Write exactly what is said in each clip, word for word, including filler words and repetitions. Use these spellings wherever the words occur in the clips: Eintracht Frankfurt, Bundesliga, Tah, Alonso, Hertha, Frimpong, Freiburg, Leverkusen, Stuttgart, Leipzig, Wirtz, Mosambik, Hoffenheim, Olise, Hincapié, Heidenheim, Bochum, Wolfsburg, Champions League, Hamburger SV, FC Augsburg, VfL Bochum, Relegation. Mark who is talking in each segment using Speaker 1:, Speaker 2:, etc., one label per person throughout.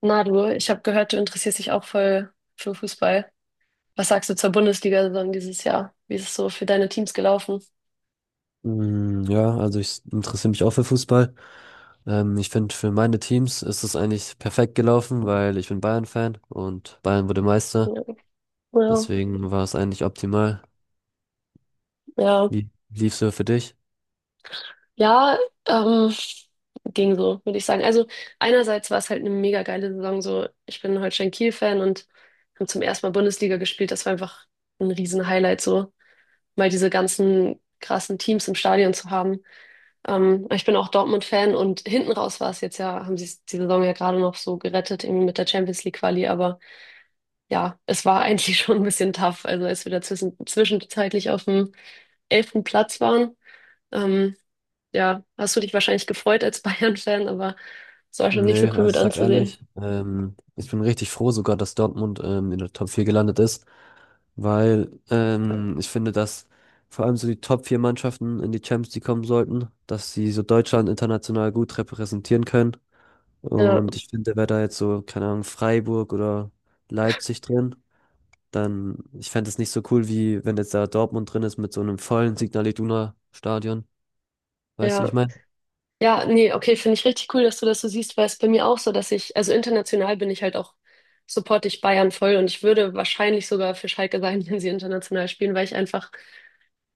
Speaker 1: Na du, ich habe gehört, du interessierst dich auch voll für Fußball. Was sagst du zur Bundesliga-Saison dieses Jahr? Wie ist es so für deine Teams gelaufen?
Speaker 2: Mm, Ja, also ich interessiere mich auch für Fußball. Ähm, ich finde, für meine Teams ist es eigentlich perfekt gelaufen, weil ich bin Bayern-Fan und Bayern wurde Meister.
Speaker 1: Ja, ja,
Speaker 2: Deswegen war es eigentlich optimal.
Speaker 1: ja,
Speaker 2: Wie lief's so für dich?
Speaker 1: ja, ähm, ging so, würde ich sagen. Also einerseits war es halt eine mega geile Saison. So, ich bin Holstein Kiel-Fan und haben zum ersten Mal Bundesliga gespielt. Das war einfach ein riesen Highlight, so mal diese ganzen krassen Teams im Stadion zu haben. Ähm, ich bin auch Dortmund-Fan, und hinten raus war es jetzt ja, haben sie es die Saison ja gerade noch so gerettet, eben mit der Champions League Quali, aber ja, es war eigentlich schon ein bisschen tough, also als wir da zwischen, zwischenzeitlich auf dem elften Platz waren. Ähm, ja, hast du dich wahrscheinlich gefreut als Bayern-Fan, aber es war schon nicht so
Speaker 2: Nee,
Speaker 1: cool
Speaker 2: also
Speaker 1: mit
Speaker 2: ich sag
Speaker 1: anzusehen.
Speaker 2: ehrlich, ähm, ich bin richtig froh sogar, dass Dortmund ähm, in der Top vier gelandet ist, weil ähm, ich finde, dass vor allem so die Top vier Mannschaften in die Champions League kommen sollten, dass sie so Deutschland international gut repräsentieren können.
Speaker 1: Ja,
Speaker 2: Und ich finde, wäre da jetzt so, keine Ahnung, Freiburg oder Leipzig drin, dann, ich fände es nicht so cool, wie wenn jetzt da Dortmund drin ist mit so einem vollen Signal Iduna Stadion. Weißt du, wie
Speaker 1: ja.
Speaker 2: ich meine?
Speaker 1: Ja, nee, okay, finde ich richtig cool, dass du das so siehst, weil es bei mir auch so, dass ich, also international bin ich halt auch, supporte ich Bayern voll, und ich würde wahrscheinlich sogar für Schalke sein, wenn sie international spielen, weil ich einfach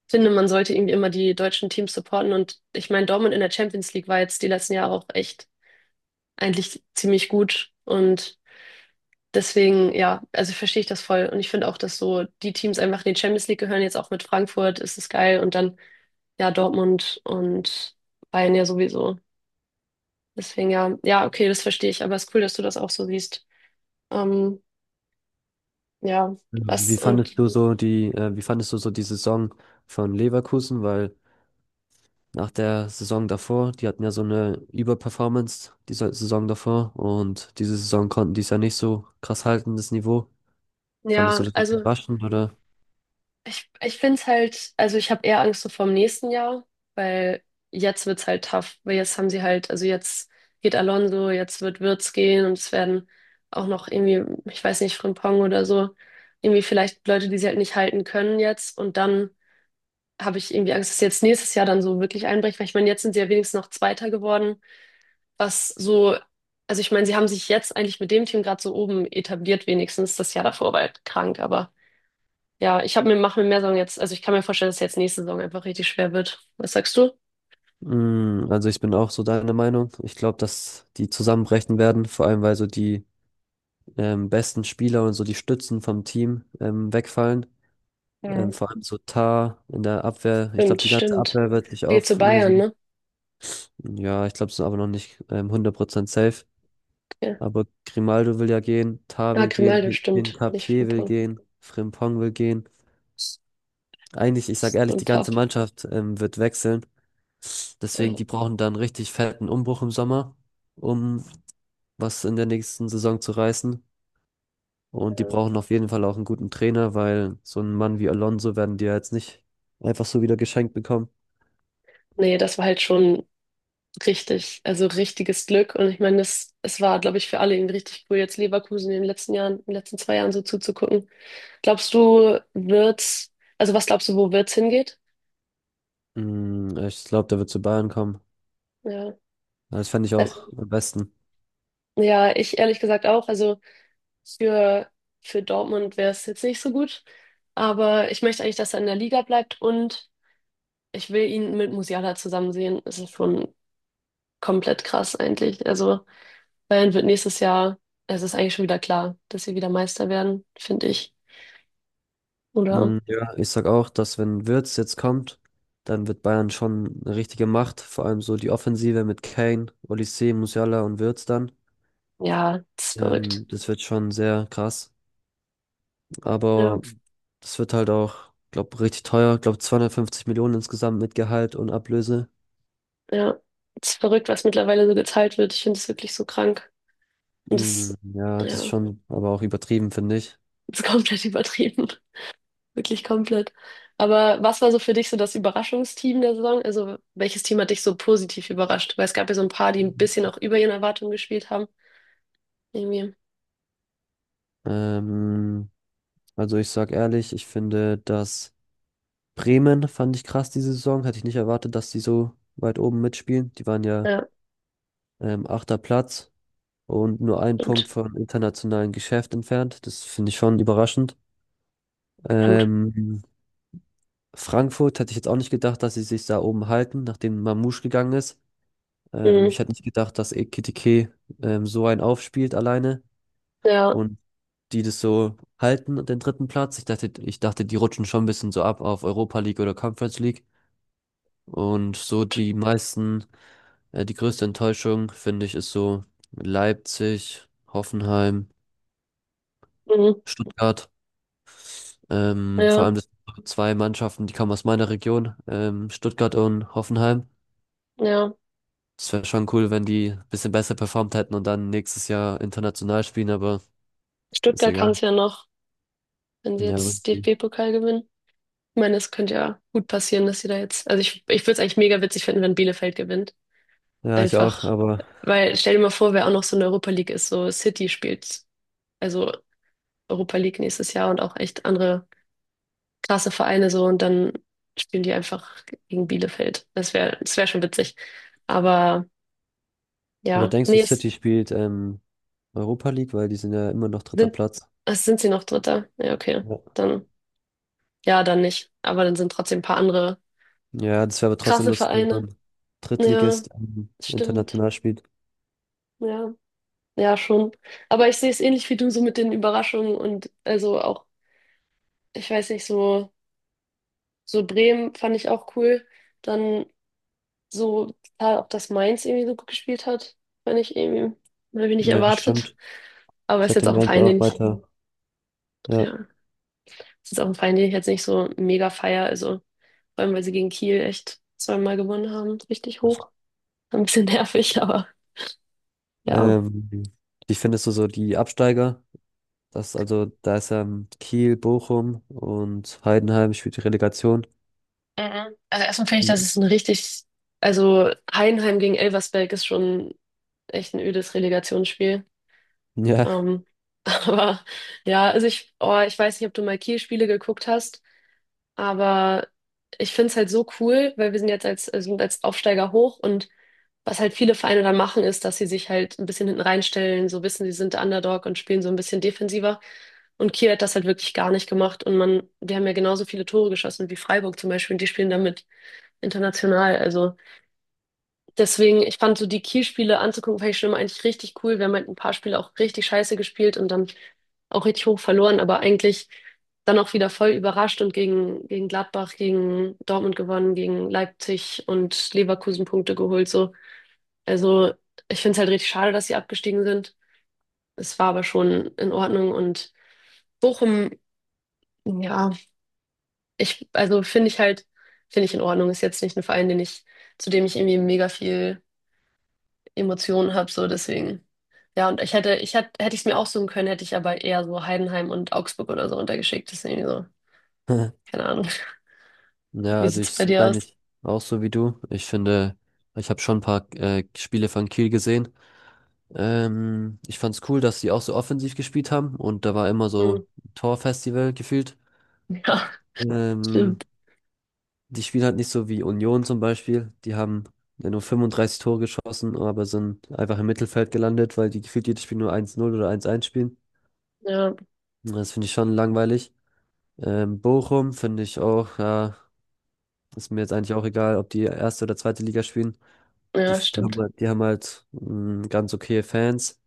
Speaker 1: finde, man sollte irgendwie immer die deutschen Teams supporten. Und ich meine, Dortmund in der Champions League war jetzt die letzten Jahre auch echt eigentlich ziemlich gut. Und deswegen, ja, also verstehe ich das voll. Und ich finde auch, dass so die Teams einfach in die Champions League gehören. Jetzt auch mit Frankfurt ist es geil. Und dann, ja, Dortmund und Bayern ja sowieso. Deswegen, ja, ja, okay, das verstehe ich. Aber es ist cool, dass du das auch so siehst. Ähm, ja,
Speaker 2: Wie
Speaker 1: was
Speaker 2: fandest
Speaker 1: und
Speaker 2: du so die, äh, wie fandest du so die Saison von Leverkusen? Weil nach der Saison davor, die hatten ja so eine Überperformance, diese Saison davor, und diese Saison konnten die es ja nicht so krass halten, das Niveau. Fandest du
Speaker 1: ja,
Speaker 2: das
Speaker 1: also.
Speaker 2: überraschend oder?
Speaker 1: Ich, ich finde es halt, also ich habe eher Angst so vorm nächsten Jahr, weil jetzt wird's halt tough, weil jetzt haben sie halt, also jetzt geht Alonso, jetzt wird Wirtz gehen, und es werden auch noch irgendwie, ich weiß nicht, Frimpong oder so, irgendwie vielleicht Leute, die sie halt nicht halten können jetzt, und dann habe ich irgendwie Angst, dass jetzt nächstes Jahr dann so wirklich einbricht, weil ich meine, jetzt sind sie ja wenigstens noch Zweiter geworden, was so, also ich meine, sie haben sich jetzt eigentlich mit dem Team gerade so oben etabliert, wenigstens das Jahr davor war halt krank, aber ja, ich habe mir, mache mir mehr Sorgen jetzt. Also ich kann mir vorstellen, dass jetzt nächste Saison einfach richtig schwer wird. Was sagst du?
Speaker 2: Mm, Also ich bin auch so deiner Meinung. Ich glaube, dass die zusammenbrechen werden, vor allem weil so die ähm, besten Spieler und so die Stützen vom Team ähm, wegfallen. Ähm,
Speaker 1: Mhm.
Speaker 2: vor allem so Tah in der Abwehr. Ich glaube,
Speaker 1: Stimmt,
Speaker 2: die ganze
Speaker 1: stimmt.
Speaker 2: Abwehr wird sich
Speaker 1: Er geht zu Bayern,
Speaker 2: auflösen.
Speaker 1: ne?
Speaker 2: Ja, ich glaube, es ist aber noch nicht ähm, hundert Prozent safe.
Speaker 1: Ja.
Speaker 2: Aber Grimaldo will ja gehen, Tah
Speaker 1: Ah,
Speaker 2: will gehen,
Speaker 1: Grimaldo, stimmt. Nicht
Speaker 2: Hincapié will
Speaker 1: Frimpong.
Speaker 2: gehen, Frimpong will gehen. Eigentlich, ich sag ehrlich, die
Speaker 1: Und
Speaker 2: ganze
Speaker 1: Haft.
Speaker 2: Mannschaft ähm, wird wechseln. Deswegen,
Speaker 1: Ja.
Speaker 2: die brauchen dann richtig fetten Umbruch im Sommer um was in der nächsten Saison zu reißen. Und die
Speaker 1: ja.
Speaker 2: brauchen auf jeden Fall auch einen guten Trainer, weil so einen Mann wie Alonso werden die ja jetzt nicht einfach so wieder geschenkt bekommen.
Speaker 1: Nee, das war halt schon richtig, also richtiges Glück. Und ich meine, es, es war, glaube ich, für alle irgendwie richtig cool, jetzt Leverkusen in den letzten Jahren, in den letzten zwei Jahren so zuzugucken. Glaubst du, wird's, also was glaubst du, wo wird's hingeht?
Speaker 2: Mm, Ich glaube, der wird zu Bayern kommen.
Speaker 1: Ja.
Speaker 2: Das fände ich
Speaker 1: Also,
Speaker 2: auch am besten.
Speaker 1: ja, ich ehrlich gesagt auch. Also Für, für Dortmund wäre es jetzt nicht so gut. Aber ich möchte eigentlich, dass er in der Liga bleibt, und ich will ihn mit Musiala zusammen sehen. Es ist schon komplett krass eigentlich. Also Bayern wird nächstes Jahr, es ist eigentlich schon wieder klar, dass sie wieder Meister werden, finde ich. Oder?
Speaker 2: Mm, Ja, ich sag auch, dass wenn Wirtz jetzt kommt, dann wird Bayern schon eine richtige Macht. Vor allem so die Offensive mit Kane, Olise, Musiala und Wirtz dann.
Speaker 1: Ja, es ist verrückt.
Speaker 2: Ähm, das wird schon sehr krass.
Speaker 1: Ja,
Speaker 2: Aber das wird halt auch, glaube richtig teuer. Ich glaube zweihundertfünfzig Millionen insgesamt mit Gehalt und Ablöse.
Speaker 1: ja. Es ist verrückt, was mittlerweile so geteilt wird. Ich finde es wirklich so krank. Und
Speaker 2: Mm,
Speaker 1: das
Speaker 2: ja, das ist
Speaker 1: ja,
Speaker 2: schon aber auch übertrieben, finde ich.
Speaker 1: das ist komplett übertrieben. Wirklich komplett. Aber was war so für dich so das Überraschungsteam der Saison? Also welches Team hat dich so positiv überrascht? Weil es gab ja so ein paar, die ein bisschen auch über ihren Erwartungen gespielt haben. Irgendwie.
Speaker 2: Ähm, also ich sag ehrlich, ich finde, dass Bremen fand ich krass diese Saison. Hätte ich nicht erwartet, dass die so weit oben mitspielen. Die waren ja
Speaker 1: Ja,
Speaker 2: ähm, achter Platz und nur ein Punkt
Speaker 1: stimmt.
Speaker 2: vom internationalen Geschäft entfernt. Das finde ich schon überraschend.
Speaker 1: Stimmt.
Speaker 2: Ähm, Frankfurt hätte ich jetzt auch nicht gedacht, dass sie sich da oben halten, nachdem Mamouche gegangen ist. Ähm,
Speaker 1: Mhm.
Speaker 2: ich hätte nicht gedacht, dass Ekitike ähm, so einen aufspielt alleine
Speaker 1: Ja,
Speaker 2: und die das so halten, den dritten Platz. Ich dachte, ich dachte, die rutschen schon ein bisschen so ab auf Europa League oder Conference League. Und so
Speaker 1: stimmt.
Speaker 2: die meisten, äh, die größte Enttäuschung, finde ich, ist so Leipzig, Hoffenheim,
Speaker 1: Mhm.
Speaker 2: Stuttgart. Ähm, vor
Speaker 1: Ja,
Speaker 2: allem das sind so zwei Mannschaften, die kommen aus meiner Region, ähm, Stuttgart und Hoffenheim.
Speaker 1: ja.
Speaker 2: Es wäre schon cool, wenn die ein bisschen besser performt hätten und dann nächstes Jahr international spielen, aber ist
Speaker 1: Stuttgart kann
Speaker 2: egal.
Speaker 1: es ja noch, wenn sie
Speaker 2: Ja,
Speaker 1: jetzt
Speaker 2: richtig.
Speaker 1: D F B-Pokal gewinnen. Ich meine, es könnte ja gut passieren, dass sie da jetzt. Also ich, ich würde es eigentlich mega witzig finden, wenn Bielefeld gewinnt.
Speaker 2: Ja, ich auch,
Speaker 1: Einfach,
Speaker 2: aber,
Speaker 1: weil stell dir mal vor, wer auch noch so in der Europa League ist, so City spielt. Also Europa League nächstes Jahr und auch echt andere krasse Vereine so, und dann spielen die einfach gegen Bielefeld. Das wäre, das wäre schon witzig. Aber
Speaker 2: aber
Speaker 1: ja,
Speaker 2: denkst du,
Speaker 1: nee, es
Speaker 2: City spielt ähm, Europa League, weil die sind ja immer noch dritter
Speaker 1: sind,
Speaker 2: Platz.
Speaker 1: es sind sie noch Dritter. Ja, okay.
Speaker 2: Ja,
Speaker 1: Dann, ja, dann nicht. Aber dann sind trotzdem ein paar andere
Speaker 2: ja das wäre aber trotzdem
Speaker 1: krasse
Speaker 2: lustig, wenn so
Speaker 1: Vereine.
Speaker 2: ein
Speaker 1: Ja,
Speaker 2: Drittligist ähm,
Speaker 1: stimmt.
Speaker 2: international spielt.
Speaker 1: Ja, ja, schon. Aber ich sehe es ähnlich wie du, so mit den Überraschungen und also auch, ich weiß nicht, so, so Bremen fand ich auch cool. Dann so total, auch dass Mainz irgendwie so gut gespielt hat, fand ich irgendwie, habe ich nicht
Speaker 2: Ja,
Speaker 1: erwartet.
Speaker 2: stimmt.
Speaker 1: Aber
Speaker 2: Ich
Speaker 1: ist
Speaker 2: hätte
Speaker 1: jetzt auch ein
Speaker 2: meins
Speaker 1: Verein, den
Speaker 2: auch
Speaker 1: ich,
Speaker 2: weiter. Ja.
Speaker 1: ja, ist jetzt auch ein Verein, den ich jetzt nicht so mega feier. Also vor allem, weil sie gegen Kiel echt zweimal gewonnen haben, richtig hoch. Ein bisschen nervig, aber ja.
Speaker 2: Ähm, wie findest du so die Absteiger? Das, also, da ist ähm, Kiel, Bochum und Heidenheim spielt die Relegation.
Speaker 1: Mhm. Also erstmal finde ich, das
Speaker 2: Hm,
Speaker 1: ist ein richtig, also Heidenheim gegen Elversberg ist schon echt ein ödes Relegationsspiel.
Speaker 2: Ja.
Speaker 1: Ähm, aber ja, also ich, oh, ich weiß nicht, ob du mal Kiel-Spiele geguckt hast. Aber ich finde es halt so cool, weil wir sind jetzt als, also sind als Aufsteiger hoch, und was halt viele Vereine dann machen, ist, dass sie sich halt ein bisschen hinten reinstellen, so wissen, sie sind der Underdog und spielen so ein bisschen defensiver. Und Kiel hat das halt wirklich gar nicht gemacht. Und man, wir haben ja genauso viele Tore geschossen wie Freiburg zum Beispiel, und die spielen damit international. Also deswegen, ich fand so die Kiel-Spiele anzugucken, fand ich schon immer eigentlich richtig cool. Wir haben halt ein paar Spiele auch richtig scheiße gespielt und dann auch richtig hoch verloren, aber eigentlich dann auch wieder voll überrascht und gegen, gegen Gladbach, gegen Dortmund gewonnen, gegen Leipzig und Leverkusen Punkte geholt, so. Also, ich finde es halt richtig schade, dass sie abgestiegen sind. Es war aber schon in Ordnung. Und Bochum, ja, ich, also finde ich halt, finde ich in Ordnung. Ist jetzt nicht ein Verein, den ich, zu dem ich irgendwie mega viel Emotionen habe, so deswegen. Ja, und ich hätte, ich hätte, hätte ich es mir aussuchen können, hätte ich aber eher so Heidenheim und Augsburg oder so untergeschickt. Deswegen so, keine Ahnung.
Speaker 2: Ja,
Speaker 1: Wie
Speaker 2: also
Speaker 1: sieht's
Speaker 2: ich
Speaker 1: bei
Speaker 2: sehe
Speaker 1: dir
Speaker 2: da
Speaker 1: aus?
Speaker 2: nicht auch so wie du. Ich finde, ich habe schon ein paar äh, Spiele von Kiel gesehen. Ähm, ich fand's cool, dass sie auch so offensiv gespielt haben und da war immer
Speaker 1: Hm.
Speaker 2: so Torfestival gefühlt.
Speaker 1: Ja,
Speaker 2: Ähm,
Speaker 1: stimmt.
Speaker 2: die spielen halt nicht so wie Union zum Beispiel. Die haben ja nur fünfunddreißig Tore geschossen, aber sind einfach im Mittelfeld gelandet, weil die gefühlt jedes Spiel nur eins null oder eins eins spielen.
Speaker 1: Ja,
Speaker 2: Das finde ich schon langweilig. Ähm, Bochum finde ich auch, ja, ist mir jetzt eigentlich auch egal, ob die erste oder zweite Liga spielen. Die,
Speaker 1: ja,
Speaker 2: f- die haben
Speaker 1: stimmt.
Speaker 2: halt, die haben halt mm, ganz okay Fans.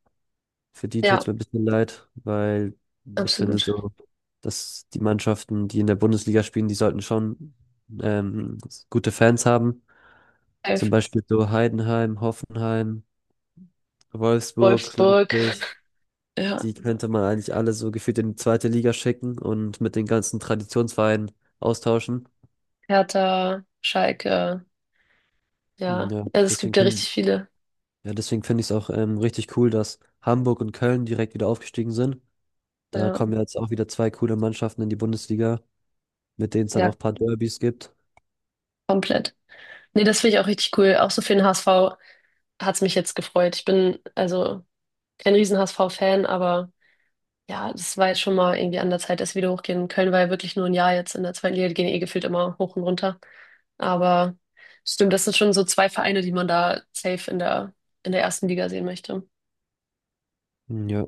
Speaker 2: Für die
Speaker 1: Ja,
Speaker 2: tut's mir ein bisschen leid, weil ich finde
Speaker 1: absolut.
Speaker 2: so, dass die Mannschaften, die in der Bundesliga spielen, die sollten schon ähm, gute Fans haben. Zum
Speaker 1: Safe.
Speaker 2: Beispiel so Heidenheim, Hoffenheim, Wolfsburg,
Speaker 1: Wolfsburg,
Speaker 2: Leipzig.
Speaker 1: ja,
Speaker 2: Die könnte man eigentlich alle so gefühlt in die zweite Liga schicken und mit den ganzen Traditionsvereinen austauschen.
Speaker 1: Hertha, Schalke,
Speaker 2: Hm,
Speaker 1: ja.
Speaker 2: Ja,
Speaker 1: Also es
Speaker 2: deswegen
Speaker 1: gibt ja
Speaker 2: finde
Speaker 1: richtig viele.
Speaker 2: ja, deswegen finde ich es auch ähm, richtig cool, dass Hamburg und Köln direkt wieder aufgestiegen sind. Da
Speaker 1: Ja,
Speaker 2: kommen ja jetzt auch wieder zwei coole Mannschaften in die Bundesliga, mit denen es dann auch
Speaker 1: ja,
Speaker 2: ein paar Derbys gibt.
Speaker 1: komplett. Nee, das finde ich auch richtig cool. Auch so für den H S V hat's mich jetzt gefreut. Ich bin also kein Riesen-H S V-Fan, aber. Ja, das war jetzt schon mal irgendwie an der Zeit, dass wir wieder hochgehen. Köln war ja wirklich nur ein Jahr jetzt in der zweiten Liga, die gehen eh gefühlt immer hoch und runter. Aber stimmt, das sind schon so zwei Vereine, die man da safe in der, in der ersten Liga sehen möchte.
Speaker 2: Hm, Ja.